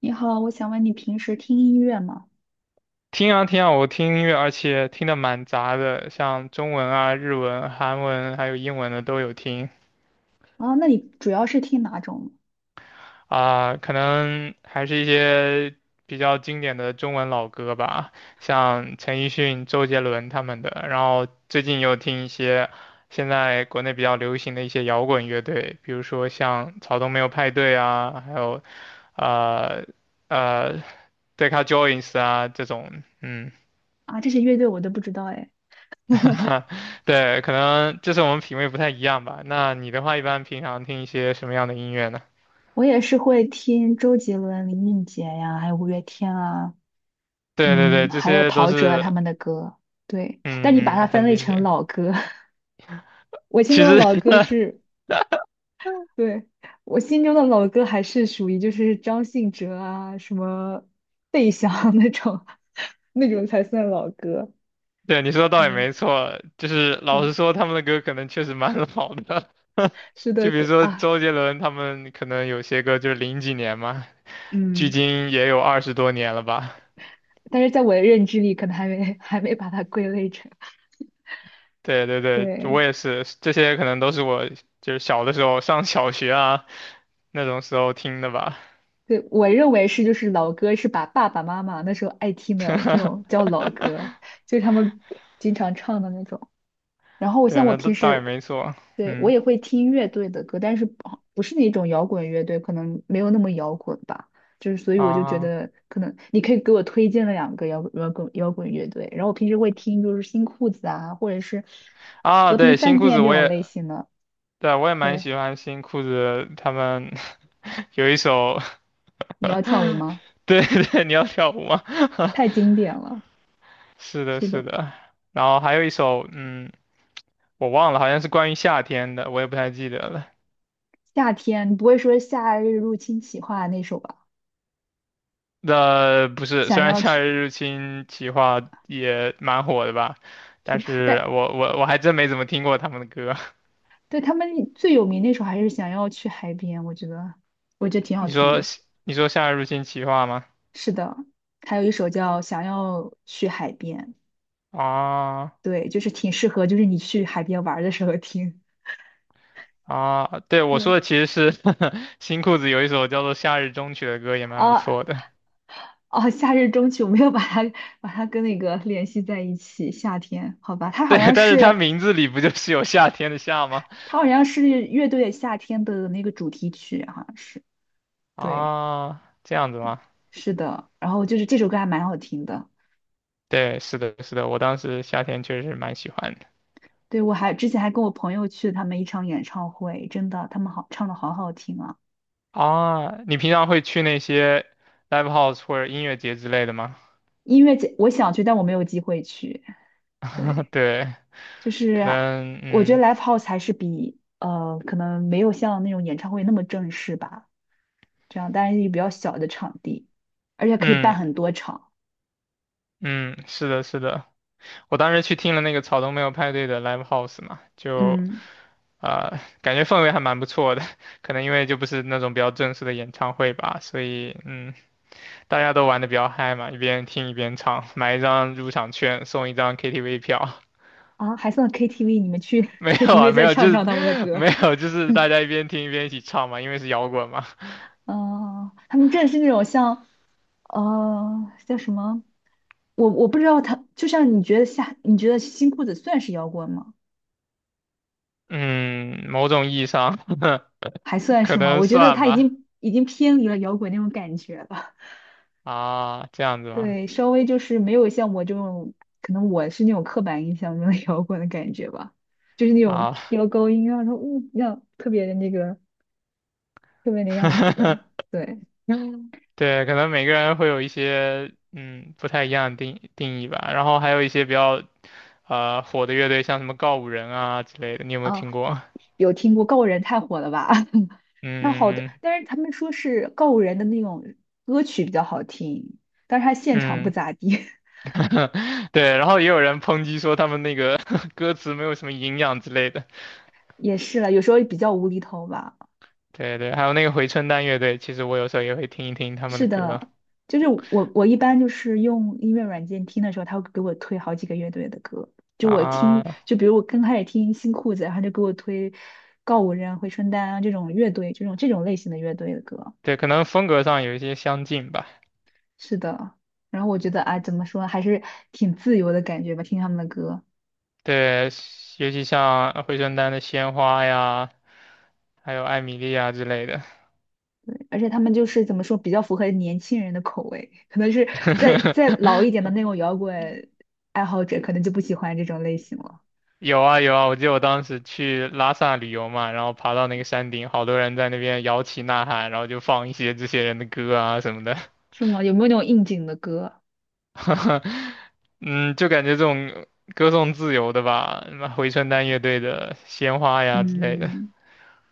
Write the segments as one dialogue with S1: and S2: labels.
S1: 你好，我想问你平时听音乐吗？
S2: 听啊听啊，我听音乐，而且听的蛮杂的，像中文啊、日文、韩文还有英文的都有听
S1: 啊，那你主要是听哪种？
S2: 啊，可能还是一些比较经典的中文老歌吧，像陈奕迅、周杰伦他们的。然后最近又听一些现在国内比较流行的一些摇滚乐队，比如说像草东没有派对啊，还有呃呃 Deca Joins 啊这种，嗯。
S1: 啊，这些乐队我都不知道哎。
S2: 对，可能就是我们品味不太一样吧。那你的话，一般平常听一些什么样的音乐呢？
S1: 我也是会听周杰伦、林俊杰呀，还有五月天啊，
S2: 对对
S1: 嗯，
S2: 对，这
S1: 还有
S2: 些都
S1: 陶喆啊他
S2: 是，
S1: 们的歌。对，但你把
S2: 嗯
S1: 它
S2: 嗯，
S1: 分
S2: 很
S1: 类
S2: 经
S1: 成
S2: 典。
S1: 老歌，我心
S2: 其
S1: 中的
S2: 实，
S1: 老歌 是，对，我心中的老歌还是属于就是张信哲啊，什么费翔 那种，那种才算老歌。
S2: 对你说的倒也
S1: 嗯
S2: 没错，就是老实
S1: 嗯，
S2: 说，他们的歌可能确实蛮 老的。
S1: 是的
S2: 就比如
S1: 歌
S2: 说
S1: 啊，
S2: 周杰伦，他们可能有些歌就是零几年嘛，距
S1: 嗯。
S2: 今也有20多年了吧。
S1: 但是在我的认知里，可能还没 还没把它归类成。
S2: 对对对，我
S1: 对
S2: 也是，这些可能都是我就是小的时候上小学啊那种时候听的吧。
S1: 对，我认为是就是老歌是把爸爸妈妈那时候爱听的这种叫老歌，就是他们经常唱的那种。然后我
S2: 对
S1: 像
S2: 啊
S1: 我
S2: 那倒
S1: 平
S2: 倒
S1: 时
S2: 也没错，
S1: 对我
S2: 嗯
S1: 也会听乐队的歌，但是不是那种摇滚乐队，可能没有那么摇滚吧。就是所以我就觉
S2: 啊
S1: 得可能你可以给我推荐了两个摇滚乐队，然后我平时会听就是新裤子啊，或者是
S2: 啊，
S1: 和平
S2: 对，新
S1: 饭
S2: 裤子
S1: 店这
S2: 我
S1: 种
S2: 也
S1: 类型的。
S2: 对啊我也蛮
S1: 对，
S2: 喜欢新裤子的，他们 有一首
S1: 你要跳舞吗？
S2: 对对，你要跳舞吗？
S1: 太经典了。
S2: 是的，
S1: 是
S2: 是
S1: 的，
S2: 的，然后还有一首，嗯，我忘了，好像是关于夏天的，我也不太记得了。
S1: 夏天不会说夏日入侵企划那首吧？
S2: 那不是，
S1: 想
S2: 虽然
S1: 要
S2: 夏
S1: 去，
S2: 日入侵企划也蛮火的吧，
S1: 是
S2: 但
S1: 的，
S2: 是
S1: 但
S2: 我还真没怎么听过他们的歌。
S1: 对他们最有名那首还是想要去海边，我觉得 挺好
S2: 你
S1: 听
S2: 说
S1: 的。
S2: 你说夏日入侵企划吗？
S1: 是的，还有一首叫《想要去海边》，
S2: 啊。
S1: 对，就是挺适合，就是你去海边玩儿的时候听。
S2: 啊，对，我说
S1: 对，
S2: 的其实是 新裤子有一首叫做《夏日终曲》的歌，也蛮不
S1: 啊
S2: 错的。
S1: 哦，夏日中曲我没有把它把它跟那个联系在一起，夏天，好吧，
S2: 对，但是它名字里不就是有夏天的夏吗？
S1: 它好像是乐队夏天的那个主题曲，好像是。对，
S2: 啊，这样子吗？
S1: 是的，然后就是这首歌还蛮好听的。
S2: 对，是的，是的，我当时夏天确实是蛮喜欢的。
S1: 对，我还之前还跟我朋友去了他们一场演唱会，真的，他们好唱的好好听啊。
S2: 啊，你平常会去那些 live house 或者音乐节之类的吗？
S1: 音乐节我想去，但我没有机会去。对，
S2: 对，
S1: 就
S2: 可
S1: 是
S2: 能，
S1: 我觉得
S2: 嗯
S1: live house 还是比可能没有像那种演唱会那么正式吧，这样，但是比较小的场地，而且可以办
S2: 嗯
S1: 很多场。
S2: 嗯，是的，是的。我当时去听了那个草东没有派对的 live house 嘛，就
S1: 嗯，
S2: 啊、感觉氛围还蛮不错的，可能因为就不是那种比较正式的演唱会吧，所以大家都玩的比较嗨嘛，一边听一边唱，买一张入场券送一张 KTV 票。
S1: 啊，还算 KTV，你们去
S2: 没有啊，
S1: KTV
S2: 没
S1: 再
S2: 有，就
S1: 唱
S2: 是
S1: 唱他们的 歌。
S2: 没有，就是大家一 边听一边一起唱嘛，因为是摇滚嘛。
S1: 嗯，他们真的是那种像，叫什么？我不知道他，就像你觉得下，你觉得新裤子算是摇滚吗？
S2: 嗯，某种意义上
S1: 还 算
S2: 可
S1: 是吗？
S2: 能
S1: 我觉得
S2: 算
S1: 他
S2: 吧。
S1: 已经偏离了摇滚那种感觉了。
S2: 啊，这样子 吗？
S1: 对，稍微就是没有像我这种，可能我是那种刻板印象中的摇滚的感觉吧，就是那种
S2: 啊，
S1: 飙高音啊，然后那样特别的那个特别那样子的。对
S2: 嗯，对，可能每个人会有一些不太一样的定义吧。然后还有一些比较火的乐队，像什么告五人啊之类的，你有没有
S1: 啊，
S2: 听过？
S1: 有听过《告人》太火了吧？它好的，
S2: 嗯
S1: 但是他们说是告五人的那种歌曲比较好听，但是他现场不
S2: 嗯，
S1: 咋地，
S2: 对。然后也有人抨击说他们那个 歌词没有什么营养之类的。
S1: 也是了，有时候比较无厘头吧。
S2: 对对，还有那个回春丹乐队，其实我有时候也会听一听他们的歌
S1: 就是我一般就是用音乐软件听的时候，他会给我推好几个乐队的歌，就我听，
S2: 啊。
S1: 就比如我刚开始听新裤子，然后他就给我推告五人、回春丹啊这种乐队，这种类型的乐队的歌。
S2: 对，可能风格上有一些相近吧。
S1: 是的，然后我觉得啊，怎么说，还是挺自由的感觉吧，听他们的歌。
S2: 对，尤其像回春丹的鲜花呀，还有艾米莉啊之类的。
S1: 而且他们就是怎么说，比较符合年轻人的口味，可能是再老一点的 那种摇滚爱好者，可能就不喜欢这种类型了。
S2: 有啊有啊，我记得我当时去拉萨旅游嘛，然后爬到那个山顶，好多人在那边摇旗呐喊，然后就放一些这些人的歌啊什么的。
S1: 是吗？有没有那种应景的歌？
S2: 嗯，就感觉这种歌颂自由的吧，什么回春丹乐队的《鲜花》呀之类的。
S1: 嗯，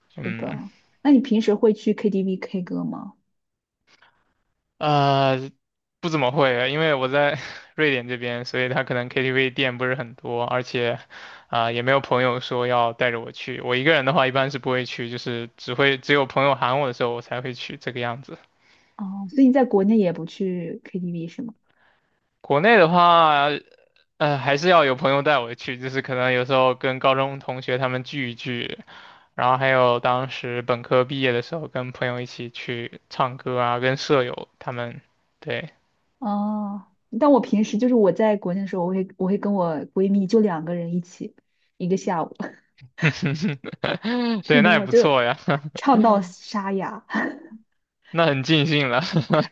S1: 是
S2: 嗯。
S1: 的。那你平时会去 KTV K 歌吗？
S2: 呃，不怎么会，因为我在 瑞典这边，所以他可能 KTV 店不是很多，而且，啊、也没有朋友说要带着我去。我一个人的话，一般是不会去，就是只有朋友喊我的时候，我才会去这个样子。
S1: 哦，所以你在国内也不去 KTV 是吗？
S2: 国内的话，还是要有朋友带我去，就是可能有时候跟高中同学他们聚一聚，然后还有当时本科毕业的时候，跟朋友一起去唱歌啊，跟舍友他们，对，
S1: 哦，但我平时就是我在国内的时候，我会跟我闺蜜就两个人一起，一个下午，是
S2: 对，那也
S1: 的，
S2: 不
S1: 就
S2: 错呀。
S1: 唱到沙哑。
S2: 那很尽兴了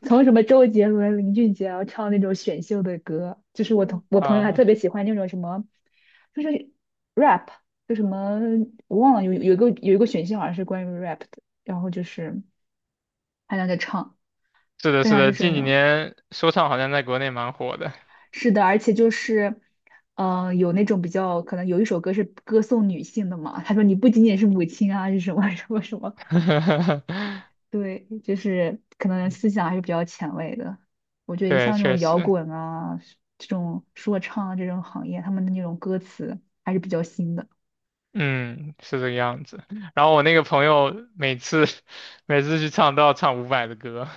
S1: 从什么周杰伦、林俊杰然后唱那种选秀的歌，就是我同 我朋友还
S2: 啊！
S1: 特别喜欢那种什么，就是 rap，就什么我忘了有一个有一个选秀好像是关于 rap 的，然后就是他俩在唱，
S2: 是的，
S1: 非
S2: 是
S1: 常就
S2: 的，
S1: 是
S2: 近
S1: 那
S2: 几
S1: 种
S2: 年说唱好像在国内蛮火的，
S1: 是的，而且就是有那种比较可能有一首歌是歌颂女性的嘛，他说你不仅仅是母亲啊，是什么什么什么，对，就是可能思想还是比较前卫的。我觉得
S2: 对，
S1: 像这
S2: 确
S1: 种摇
S2: 实，
S1: 滚啊、这种说唱啊这种行业，他们的那种歌词还是比较新的。
S2: 嗯，是这个样子。然后我那个朋友每次 每次去唱都要唱伍佰的歌，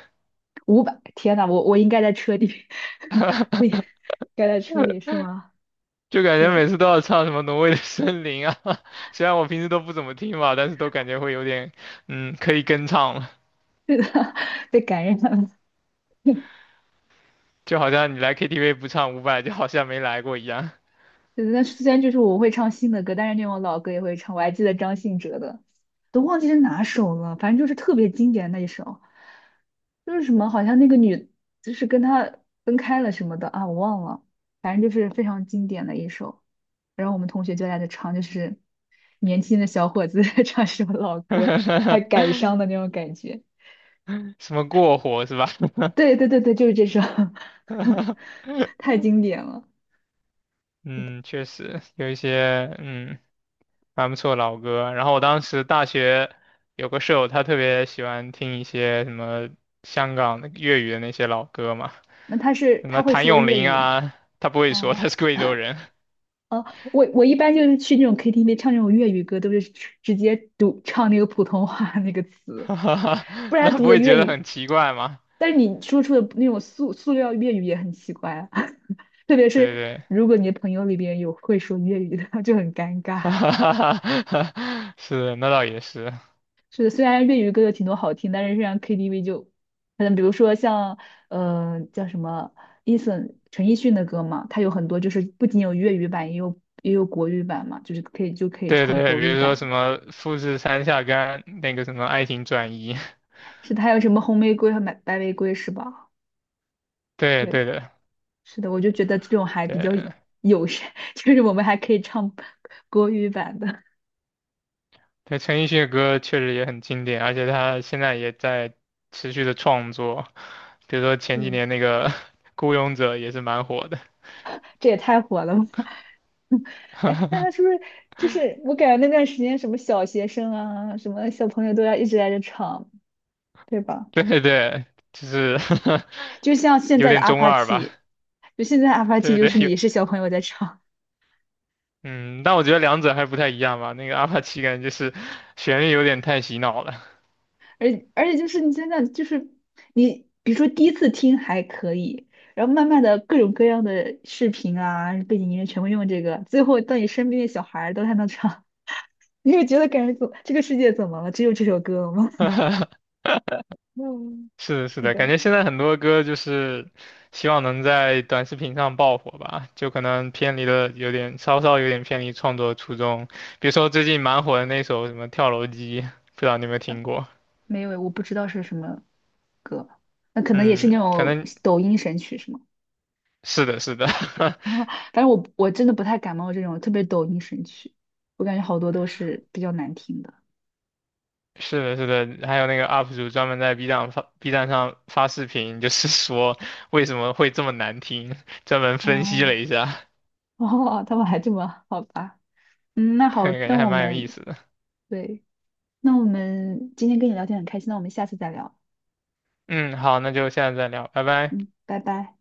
S1: 五百天呐，我应该在车里，不应 该在车里是吗？
S2: 就感觉
S1: 对，
S2: 每次都要唱什么《挪威的森林》啊，虽然我平时都不怎么听吧，但是都感觉会有点，可以跟唱了，
S1: 被感染了。
S2: 就好像你来 KTV 不唱伍佰，就好像没来过一样。
S1: 对，但虽然就是我会唱新的歌，但是那种老歌也会唱。我还记得张信哲的，都忘记是哪首了，反正就是特别经典的那一首。就是什么，好像那个女就是跟他分开了什么的啊，我忘了，反正就是非常经典的一首。然后我们同学就在那唱，就是年轻的小伙子 在唱什首老歌，还感伤的那种感觉。
S2: 什么过火是吧？
S1: 对对对对，就是这首，太经典了。
S2: 嗯，确实有一些蛮不错的老歌。然后我当时大学有个舍友，他特别喜欢听一些什么香港的粤语的那些老歌嘛，
S1: 那他是
S2: 什么
S1: 他会
S2: 谭
S1: 说
S2: 咏
S1: 粤
S2: 麟
S1: 语吗
S2: 啊，他不会说
S1: 哦
S2: 他是贵州人，
S1: 哦，我一般就是去那种 KTV 唱那种粤语歌，都是直接读唱那个普通话那个 词。
S2: 哈哈哈
S1: 不然
S2: 那
S1: 读
S2: 不
S1: 的
S2: 会觉
S1: 粤
S2: 得
S1: 语，
S2: 很奇怪吗？
S1: 但是你说出的那种塑料粤语也很奇怪啊，特别
S2: 对
S1: 是
S2: 对，
S1: 如果你的朋友里边有会说粤语的，就很尴
S2: 哈
S1: 尬。
S2: 哈哈哈哈是，那倒也是。
S1: 是的，虽然粤语歌有挺多好听，但是像 KTV 就，可能比如说像叫什么 Eason 陈奕迅的歌嘛，他有很多就是不仅有粤语版，也有国语版嘛，就是可以就可以
S2: 对
S1: 唱
S2: 对，比
S1: 国语
S2: 如说
S1: 版。
S2: 什么富士山下干那个什么爱情转移，
S1: 是他有什么红玫瑰和白玫瑰是吧？
S2: 对
S1: 对。
S2: 对的，
S1: 是的，我就觉得这种还比较
S2: 对，
S1: 友善，就是我们还可以唱国语版的。
S2: 对，陈奕迅的歌确实也很经典，而且他现在也在持续的创作，比如说
S1: 是
S2: 前几
S1: 的，
S2: 年那个《<laughs> 孤勇者》也是蛮火的。
S1: 这也太火了吧！哎，那他是不是就是我感觉那段时间什么小学生啊，什么小朋友都要一直在这唱，对吧？
S2: 对对对，就是
S1: 就像 现
S2: 有
S1: 在的
S2: 点
S1: 阿
S2: 中
S1: 帕
S2: 二吧？
S1: 奇，就现在阿帕奇
S2: 对
S1: 就
S2: 对，
S1: 是你
S2: 有，
S1: 也是小朋友在唱，
S2: 嗯，但我觉得两者还不太一样吧。那个阿帕奇感觉就是旋律有点太洗脑了。
S1: 而而且就是你现在就是你比如说第一次听还可以。然后慢慢的各种各样的视频啊，背景音乐全部用这个，最后到你身边的小孩儿都还能唱。你会觉得感觉怎这个世界怎么了？只有这首歌了吗？
S2: 是的，是
S1: 是
S2: 的，感
S1: 的，
S2: 觉现在很多歌就是希望能在短视频上爆火吧，就可能偏离了有点，稍稍有点偏离创作初衷。比如说最近蛮火的那首什么《跳楼机》，不知道你有没有听过？
S1: 没有，我不知道是什么歌，那可能也是那
S2: 嗯，可
S1: 种
S2: 能
S1: 抖音神曲是吗？
S2: 是的，是的，
S1: 啊，反正我真的不太感冒这种特别抖音神曲，我感觉好多都是比较难听的。
S2: 是的，是的。还有那个 UP 主专门在 B 站上发视频，就是说为什么会这么难听，专门分析了
S1: 哦
S2: 一下，
S1: 哦，他们还这么好吧？嗯，那 好，
S2: 对感
S1: 那
S2: 觉还
S1: 我
S2: 蛮有意
S1: 们
S2: 思的。
S1: 对，那我们今天跟你聊天很开心，那我们下次再聊。
S2: 嗯，好，那就现在再聊，拜拜。
S1: 嗯，拜拜。